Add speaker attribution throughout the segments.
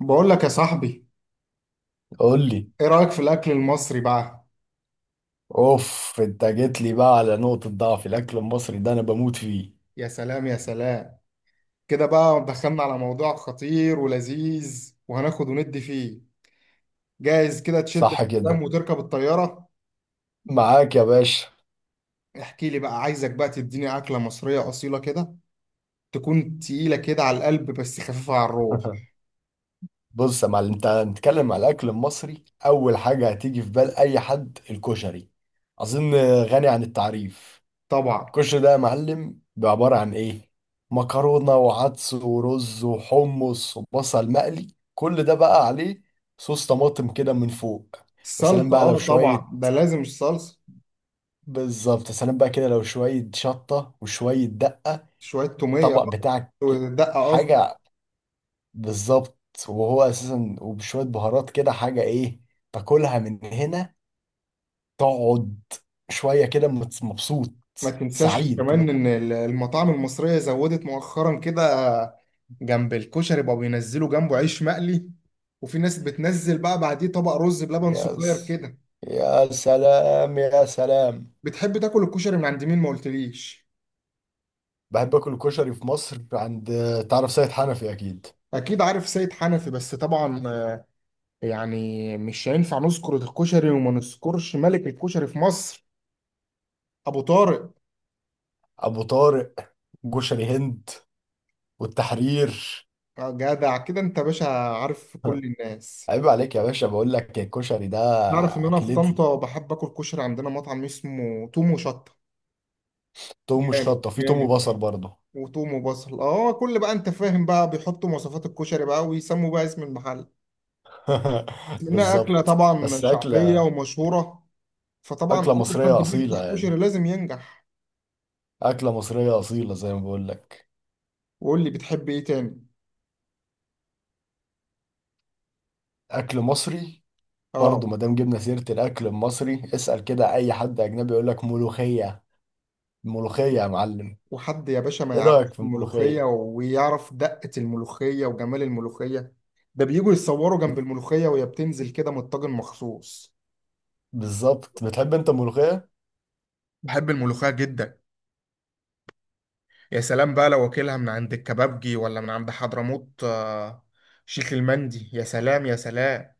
Speaker 1: بقول لك يا صاحبي،
Speaker 2: قول لي.
Speaker 1: ايه رأيك في الاكل المصري بقى؟
Speaker 2: اوف، انت جيت لي بقى على نقطة ضعف، الاكل المصري ده انا بموت فيه.
Speaker 1: يا سلام يا سلام. كده بقى دخلنا على موضوع خطير ولذيذ وهناخد وندي فيه. جاهز كده تشد
Speaker 2: صح
Speaker 1: الحزام
Speaker 2: كده،
Speaker 1: وتركب الطيارة؟
Speaker 2: معاك يا باشا.
Speaker 1: احكي لي بقى، عايزك بقى تديني أكلة مصرية أصيلة كده، تكون تقيلة كده على القلب بس خفيفة على الروح.
Speaker 2: بص يا معلم، انت هنتكلم على الاكل المصري، اول حاجة هتيجي في بال اي حد الكشري، اظن، غني عن التعريف.
Speaker 1: طبعا.
Speaker 2: الكشري ده يا معلم بعبارة عن ايه؟ مكرونة وعدس ورز وحمص وبصل مقلي، كل ده بقى عليه صوص طماطم كده من فوق. وسلام
Speaker 1: السلطة،
Speaker 2: بقى لو
Speaker 1: اه
Speaker 2: شوية.
Speaker 1: طبعا، ده لازم الصلصة.
Speaker 2: بالظبط، يا سلام بقى كده، لو شوية شطة وشوية دقة.
Speaker 1: شوية تومية
Speaker 2: الطبق بتاعك.
Speaker 1: ودقة.
Speaker 2: حاجة. بالظبط. وهو أساسا وبشوية بهارات كده، حاجة إيه، تاكلها من هنا، تقعد شوية كده، مبسوط.
Speaker 1: ما تنساش
Speaker 2: سعيد
Speaker 1: كمان
Speaker 2: مت-
Speaker 1: ان المطاعم المصرية زودت مؤخرا كده، جنب الكشري بقوا بينزلوا جنبه عيش مقلي، وفي ناس بتنزل بقى بعديه طبق رز بلبن
Speaker 2: يا
Speaker 1: صغير
Speaker 2: س...
Speaker 1: كده.
Speaker 2: يا سلام، يا سلام.
Speaker 1: بتحب تاكل الكشري من عند مين ما قلتليش؟
Speaker 2: بحب آكل الكشري في مصر عند، تعرف سيد حنفي أكيد.
Speaker 1: اكيد عارف سيد حنفي، بس طبعا، يعني مش هينفع نذكر الكشري وما نذكرش ملك الكشري في مصر، ابو طارق.
Speaker 2: أبو طارق. كشري هند، والتحرير.
Speaker 1: جدع كده انت، باشا عارف كل الناس.
Speaker 2: عيب عليك يا باشا، بقول لك الكشري ده.
Speaker 1: تعرف ان انا في
Speaker 2: أكلتي
Speaker 1: طنطا بحب اكل كشري؟ عندنا مطعم اسمه توم وشطة.
Speaker 2: توم
Speaker 1: جامد
Speaker 2: وشطة؟ في توم
Speaker 1: جامد.
Speaker 2: وبصل برضه.
Speaker 1: وتوم وبصل، اه، كل بقى انت فاهم بقى، بيحطوا مواصفات الكشري بقى ويسموا بقى اسم المحل، لانها اكله
Speaker 2: بالظبط،
Speaker 1: طبعا
Speaker 2: بس
Speaker 1: شعبيه
Speaker 2: أكلة
Speaker 1: ومشهوره، فطبعا
Speaker 2: أكلة
Speaker 1: اي حد
Speaker 2: مصرية أصيلة
Speaker 1: بيفتح كشري
Speaker 2: يعني،
Speaker 1: لازم ينجح.
Speaker 2: أكلة مصرية أصيلة زي ما بقول لك،
Speaker 1: وقول لي بتحب ايه تاني؟
Speaker 2: أكل مصري.
Speaker 1: اه.
Speaker 2: برضه ما دام جبنا سيرة الأكل المصري، اسأل كده أي حد أجنبي يقول لك ملوخية. ملوخية يا معلم.
Speaker 1: وحد يا باشا ما
Speaker 2: إيه رأيك
Speaker 1: يعرفش
Speaker 2: في
Speaker 1: الملوخيه،
Speaker 2: الملوخية؟
Speaker 1: ويعرف دقه الملوخيه وجمال الملوخيه؟ ده بيجوا يتصوروا جنب
Speaker 2: بت-
Speaker 1: الملوخيه وهي بتنزل كده من الطاجن مخصوص.
Speaker 2: بالظبط، بتحب أنت الملوخية؟
Speaker 1: بحب الملوخيه جدا. يا سلام بقى لو واكلها من عند الكبابجي، ولا من عند حضرموت، شيخ المندي، يا سلام يا سلام.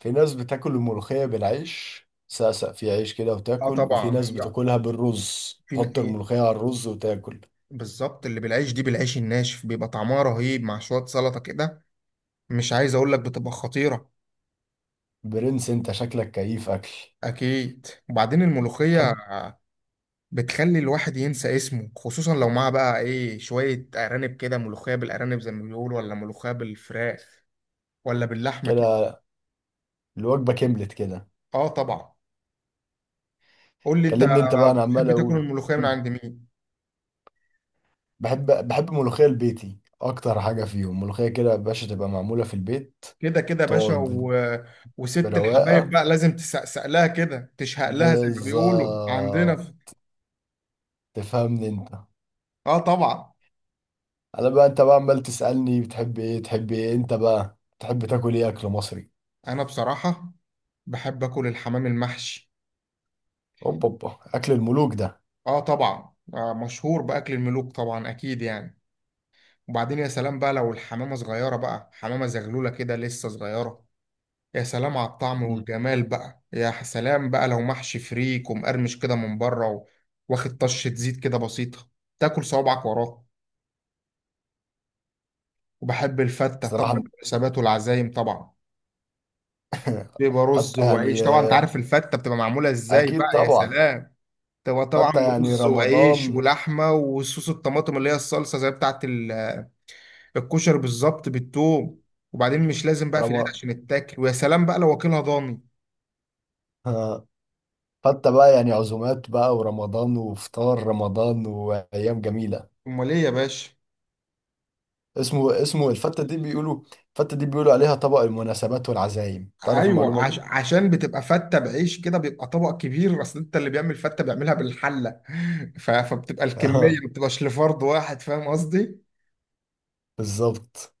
Speaker 2: في ناس بتاكل الملوخية بالعيش، سقسق في عيش كده
Speaker 1: اه
Speaker 2: وتاكل،
Speaker 1: طبعا
Speaker 2: وفي ناس
Speaker 1: هي،
Speaker 2: بتاكلها بالرز،
Speaker 1: في ن-
Speaker 2: تحط
Speaker 1: إيه،
Speaker 2: الملوخية على الرز وتاكل.
Speaker 1: بالظبط اللي بالعيش دي، بالعيش الناشف بيبقى طعمها رهيب مع شوية سلطة كده. مش عايز اقول لك بتبقى خطيرة.
Speaker 2: برنس، أنت شكلك كيف أكل.
Speaker 1: اكيد. وبعدين الملوخية بتخلي الواحد ينسى اسمه، خصوصا لو معاه بقى ايه، شوية ارانب كده، ملوخية بالارانب زي ما بيقولوا، ولا ملوخية بالفراخ، ولا باللحمة كده.
Speaker 2: كده الوجبة كملت كده.
Speaker 1: اه طبعا. قول لي انت،
Speaker 2: كلمني انت بقى، انا عمال
Speaker 1: بتحب تاكل
Speaker 2: اقول.
Speaker 1: الملوخية من
Speaker 2: مم.
Speaker 1: عند مين؟
Speaker 2: بحب ملوخية البيتي اكتر حاجة فيهم، ملوخية كده يا باشا تبقى معمولة في البيت.
Speaker 1: كده كده يا باشا
Speaker 2: تقعد.
Speaker 1: وست الحبايب
Speaker 2: برواقة.
Speaker 1: بقى لازم تسقسق لها كده، تشهق لها زي ما بيقولوا عندنا
Speaker 2: بالظبط،
Speaker 1: في...
Speaker 2: تفهمني انت.
Speaker 1: اه طبعا.
Speaker 2: انا بقى، انت بقى عمال تسألني بتحب ايه، تحب ايه انت بقى، تحب تاكل ايه اكل مصري؟
Speaker 1: انا بصراحة بحب اكل الحمام المحشي.
Speaker 2: اوبا اوبا، اكل الملوك ده.
Speaker 1: اه طبعا، آه مشهور باكل الملوك طبعا، اكيد يعني. وبعدين يا سلام بقى لو الحمامة صغيرة بقى، حمامة زغلولة كده لسه صغيرة، يا سلام على الطعم
Speaker 2: مم.
Speaker 1: والجمال بقى، يا سلام بقى لو محشي فريك ومقرمش كده من بره، واخد طشة زيت كده بسيطة، تاكل صوابعك وراه. وبحب الفتة طبعا،
Speaker 2: صراحة.
Speaker 1: المناسبات والعزايم طبعا بيبقى رز
Speaker 2: حتى
Speaker 1: وعيش.
Speaker 2: يعني،
Speaker 1: طبعا انت
Speaker 2: آه،
Speaker 1: عارف الفتة بتبقى معمولة ازاي
Speaker 2: اكيد
Speaker 1: بقى، يا
Speaker 2: طبعا.
Speaker 1: سلام. تبقى طبعا
Speaker 2: حتى يعني
Speaker 1: رز وعيش
Speaker 2: رمضان.
Speaker 1: ولحمة وصوص الطماطم اللي هي الصلصة زي بتاعت الكشري بالظبط، بالثوم. وبعدين مش لازم بقى في العيد
Speaker 2: رمضان.
Speaker 1: عشان تتاكل، ويا سلام بقى لو واكلها ضاني.
Speaker 2: حتى بقى يعني عزومات بقى، ورمضان وفطار رمضان وأيام جميلة.
Speaker 1: امال ايه يا باشا.
Speaker 2: اسمه الفتة دي بيقولوا. الفتة دي بيقولوا عليها طبق المناسبات والعزايم، تعرف
Speaker 1: ايوه،
Speaker 2: المعلومة دي؟
Speaker 1: عشان بتبقى فتة بعيش كده، بيبقى طبق كبير، اصل انت اللي بيعمل فتة بيعملها بالحلة. فبتبقى الكمية
Speaker 2: اه،
Speaker 1: ما بتبقاش لفرد واحد، فاهم قصدي.
Speaker 2: بالظبط.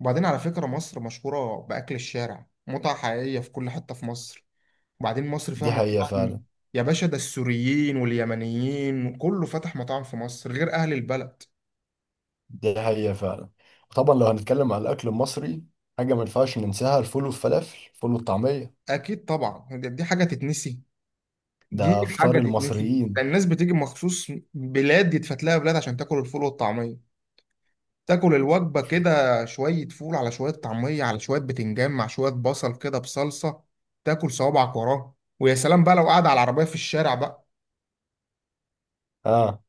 Speaker 1: وبعدين على فكرة مصر مشهورة بأكل الشارع، متعة حقيقية في كل حتة في مصر. وبعدين مصر فيها
Speaker 2: دي حقيقة فعلا.
Speaker 1: مطاعم يا باشا، ده السوريين واليمنيين كله فتح مطاعم في مصر غير أهل البلد.
Speaker 2: دي حقيقة فعلا. طبعا لو هنتكلم على الأكل المصري، حاجة ما ينفعش ننساها، الفول والفلافل، الفول والطعمية.
Speaker 1: أكيد طبعا، دي حاجة تتنسي. دي
Speaker 2: ده فطار
Speaker 1: حاجة تتنسي. ده
Speaker 2: المصريين.
Speaker 1: الناس بتيجي مخصوص بلاد يتفت لها بلاد عشان تاكل الفول والطعمية. تاكل الوجبة كده، شوية فول على شوية طعمية على شوية بتنجان مع شوية بصل كده بصلصة، تاكل صوابعك وراه. ويا سلام بقى لو قاعد على العربية في الشارع بقى.
Speaker 2: اه.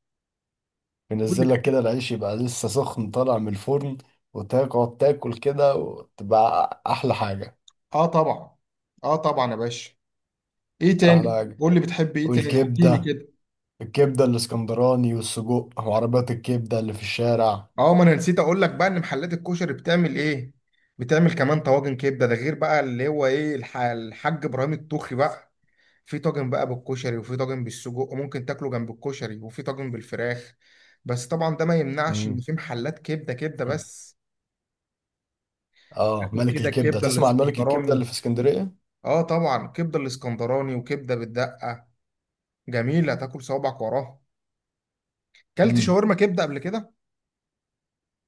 Speaker 1: قول
Speaker 2: بينزل
Speaker 1: لي.
Speaker 2: لك كده العيش يبقى لسه سخن طالع من الفرن، وتقعد تاكل كده وتبقى أحلى حاجة.
Speaker 1: اه طبعا. اه طبعا يا باشا. ايه
Speaker 2: أحلى
Speaker 1: تاني؟
Speaker 2: حاجة.
Speaker 1: قول لي بتحب ايه تاني، احكي لي
Speaker 2: والكبدة،
Speaker 1: كده.
Speaker 2: الكبدة الاسكندراني والسجق، وعربيات الكبدة اللي في الشارع.
Speaker 1: اه، ما انا نسيت اقول لك بقى ان محلات الكشري بتعمل ايه، بتعمل كمان طواجن كبده، ده غير بقى اللي هو ايه، الحاج ابراهيم الطوخي بقى. في طاجن بقى بالكشري، وفي طاجن بالسجق وممكن تاكله جنب الكشري، وفي طاجن بالفراخ. بس طبعا ده ما يمنعش ان
Speaker 2: مم.
Speaker 1: في محلات كبده، كبده بس.
Speaker 2: اه،
Speaker 1: تاكل
Speaker 2: ملك
Speaker 1: كده
Speaker 2: الكبدة،
Speaker 1: الكبده
Speaker 2: تسمع عن ملك الكبدة اللي
Speaker 1: الاسكندراني.
Speaker 2: في اسكندرية.
Speaker 1: اه طبعا، كبده الاسكندراني وكبده بالدقه. جميله، تاكل صوابعك وراها. كلت
Speaker 2: مم.
Speaker 1: شاورما كبده قبل كده؟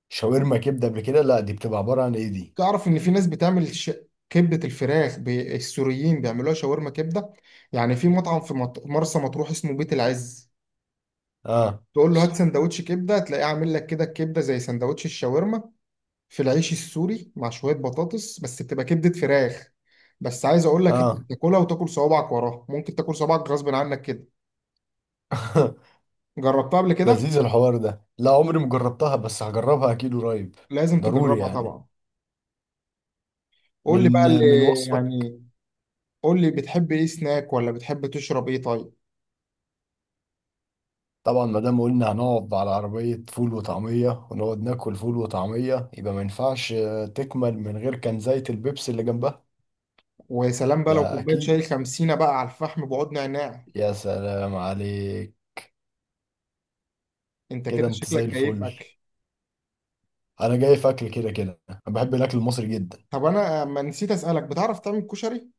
Speaker 2: شاورما كبدة قبل كده؟ لا، دي بتبقى عبارة عن ايه دي؟
Speaker 1: تعرف ان في ناس بتعمل، كبده الفراخ، السوريين بيعملوها شاورما كبده. يعني في مطعم في مرسى مطروح اسمه بيت العز،
Speaker 2: اه.
Speaker 1: تقول له هات سندوتش كبده، تلاقيه عامل لك كده الكبده زي سندوتش الشاورما في العيش السوري مع شويه بطاطس، بس بتبقى كبده فراخ. بس عايز اقول لك انت
Speaker 2: اه.
Speaker 1: بتاكلها وتاكل صوابعك وراها، ممكن تاكل صوابعك غصب عنك كده. جربتها قبل كده؟
Speaker 2: لذيذ الحوار ده. لا، عمري ما جربتها، بس هجربها اكيد قريب.
Speaker 1: لازم
Speaker 2: ضروري
Speaker 1: تجربها
Speaker 2: يعني.
Speaker 1: طبعا. قول لي
Speaker 2: من
Speaker 1: بقى اللي
Speaker 2: من وصفك.
Speaker 1: يعني، قول لي بتحب ايه سناك، ولا بتحب تشرب ايه طيب؟
Speaker 2: طبعا ما دام قلنا هنقعد على عربية فول وطعمية ونقعد ناكل فول وطعمية، يبقى ما ينفعش تكمل من غير كان زيت البيبسي اللي جنبها.
Speaker 1: وسلام بقى لو
Speaker 2: ده
Speaker 1: كوبايه
Speaker 2: اكيد.
Speaker 1: شاي خمسينة بقى على الفحم بعود نعناع.
Speaker 2: يا سلام عليك.
Speaker 1: انت كده
Speaker 2: كده انت زي
Speaker 1: شكلك كيف
Speaker 2: الفل.
Speaker 1: اكل.
Speaker 2: انا جاي في اكل كده كده، انا بحب الاكل المصري جدا.
Speaker 1: طب انا ما نسيت اسالك، بتعرف تعمل كشري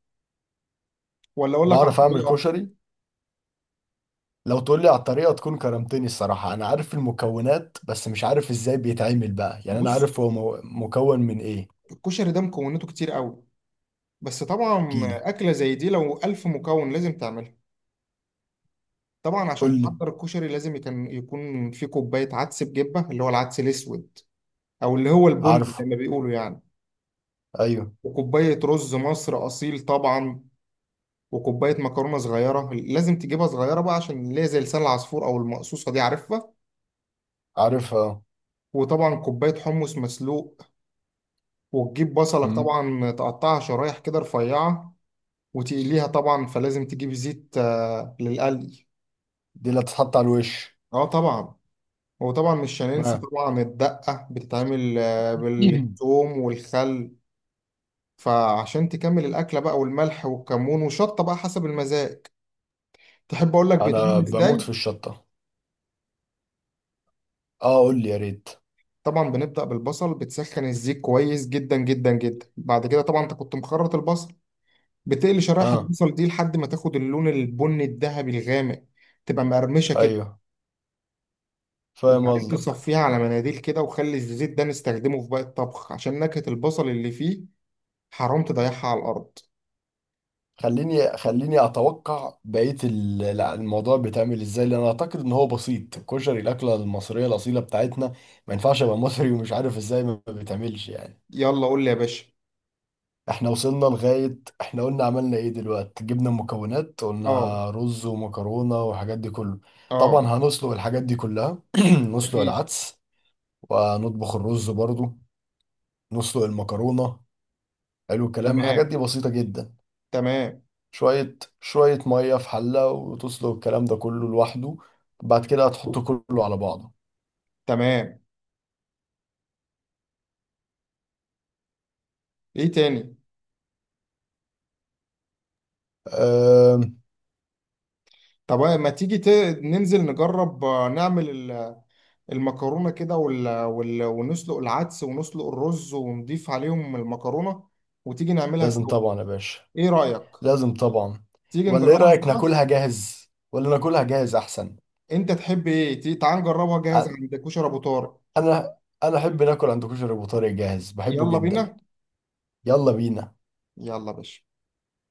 Speaker 1: ولا اقول لك على
Speaker 2: بعرف اعمل
Speaker 1: الطريقه؟
Speaker 2: كشري. لو تقول لي على الطريقه تكون كرمتني الصراحه، انا عارف المكونات بس مش عارف ازاي بيتعمل بقى يعني، انا
Speaker 1: بص،
Speaker 2: عارف هو مكون من ايه.
Speaker 1: الكشري ده مكوناته كتير قوي، بس طبعا
Speaker 2: احكيلي.
Speaker 1: اكله زي دي لو الف مكون لازم تعملها. طبعا عشان
Speaker 2: قول لي.
Speaker 1: تحضر الكشري لازم يكون في كوبايه عدس بجبه اللي هو العدس الاسود، او اللي هو البن زي
Speaker 2: عارفه.
Speaker 1: ما بيقولوا يعني.
Speaker 2: ايوه.
Speaker 1: وكوبايه رز مصر اصيل طبعا. وكوبايه مكرونه صغيره، لازم تجيبها صغيره بقى عشان اللي هي زي لسان العصفور، او المقصوصه دي، عارفها.
Speaker 2: عارفها اه.
Speaker 1: وطبعا كوبايه حمص مسلوق. وتجيب بصلك
Speaker 2: مم.
Speaker 1: طبعا، تقطعها شرايح كده رفيعه وتقليها. طبعا فلازم تجيب زيت للقلي.
Speaker 2: دي اللي تتحط على الوش.
Speaker 1: اه طبعا. وطبعا مش هننسى
Speaker 2: آه.
Speaker 1: طبعا الدقه، بتتعمل بالثوم والخل. فعشان تكمل الاكله بقى، والملح والكمون وشطه بقى حسب المزاج. تحب اقول لك
Speaker 2: انا
Speaker 1: بيتعمل
Speaker 2: بموت
Speaker 1: ازاي؟
Speaker 2: في الشطه. اه، قول لي يا ريت.
Speaker 1: طبعا بنبدأ بالبصل، بتسخن الزيت كويس جدا جدا جدا، بعد كده طبعا انت كنت مخرط البصل، بتقلي شرايح
Speaker 2: اه.
Speaker 1: البصل دي لحد ما تاخد اللون البني الذهبي الغامق، تبقى مقرمشة كده.
Speaker 2: ايوه، فاهم
Speaker 1: وبعدين
Speaker 2: قصدك.
Speaker 1: تصفيها على مناديل كده، وخلي الزيت ده نستخدمه في باقي الطبخ عشان نكهة البصل اللي فيه، حرام تضيعها على الأرض.
Speaker 2: خليني اتوقع بقيه لا، الموضوع بيتعمل ازاي، لان اعتقد ان هو بسيط، الكشري الاكله المصريه الاصيله بتاعتنا، ما ينفعش ابقى مصري ومش عارف ازاي ما بيتعملش يعني.
Speaker 1: يلا قول لي يا باشا.
Speaker 2: احنا وصلنا لغايه، احنا قلنا عملنا ايه دلوقتي، جبنا المكونات، قلنا
Speaker 1: اه.
Speaker 2: رز ومكرونه والحاجات دي كله. طبعا
Speaker 1: اه.
Speaker 2: هنسلق الحاجات دي كلها. نسلق
Speaker 1: اكيد.
Speaker 2: العدس، ونطبخ الرز برضو، نسلق المكرونه. حلو الكلام، الحاجات
Speaker 1: تمام.
Speaker 2: دي بسيطه جدا.
Speaker 1: تمام.
Speaker 2: شوية شوية مية في حلة، وتسلق الكلام ده كله لوحده، بعد كده هتحطه كله على بعضه.
Speaker 1: تمام. ايه تاني؟
Speaker 2: أم...
Speaker 1: طب ما تيجي ننزل نجرب، نعمل المكرونة كده، ونسلق العدس ونسلق الرز ونضيف عليهم المكرونة، وتيجي نعملها
Speaker 2: لازم
Speaker 1: سوا.
Speaker 2: طبعا يا باشا،
Speaker 1: ايه رأيك؟
Speaker 2: لازم طبعا.
Speaker 1: تيجي
Speaker 2: ولا ايه
Speaker 1: نجربها
Speaker 2: رأيك،
Speaker 1: سوا.
Speaker 2: ناكلها جاهز، ولا ناكلها جاهز احسن؟
Speaker 1: انت تحب ايه، تعال نجربها جاهز
Speaker 2: أ-
Speaker 1: عند كشري ابو طارق.
Speaker 2: انا انا احب ناكل عند كشري ابو طارق جاهز، بحبه
Speaker 1: يلا
Speaker 2: جدا.
Speaker 1: بينا.
Speaker 2: يلا بينا.
Speaker 1: يلا يا باشا.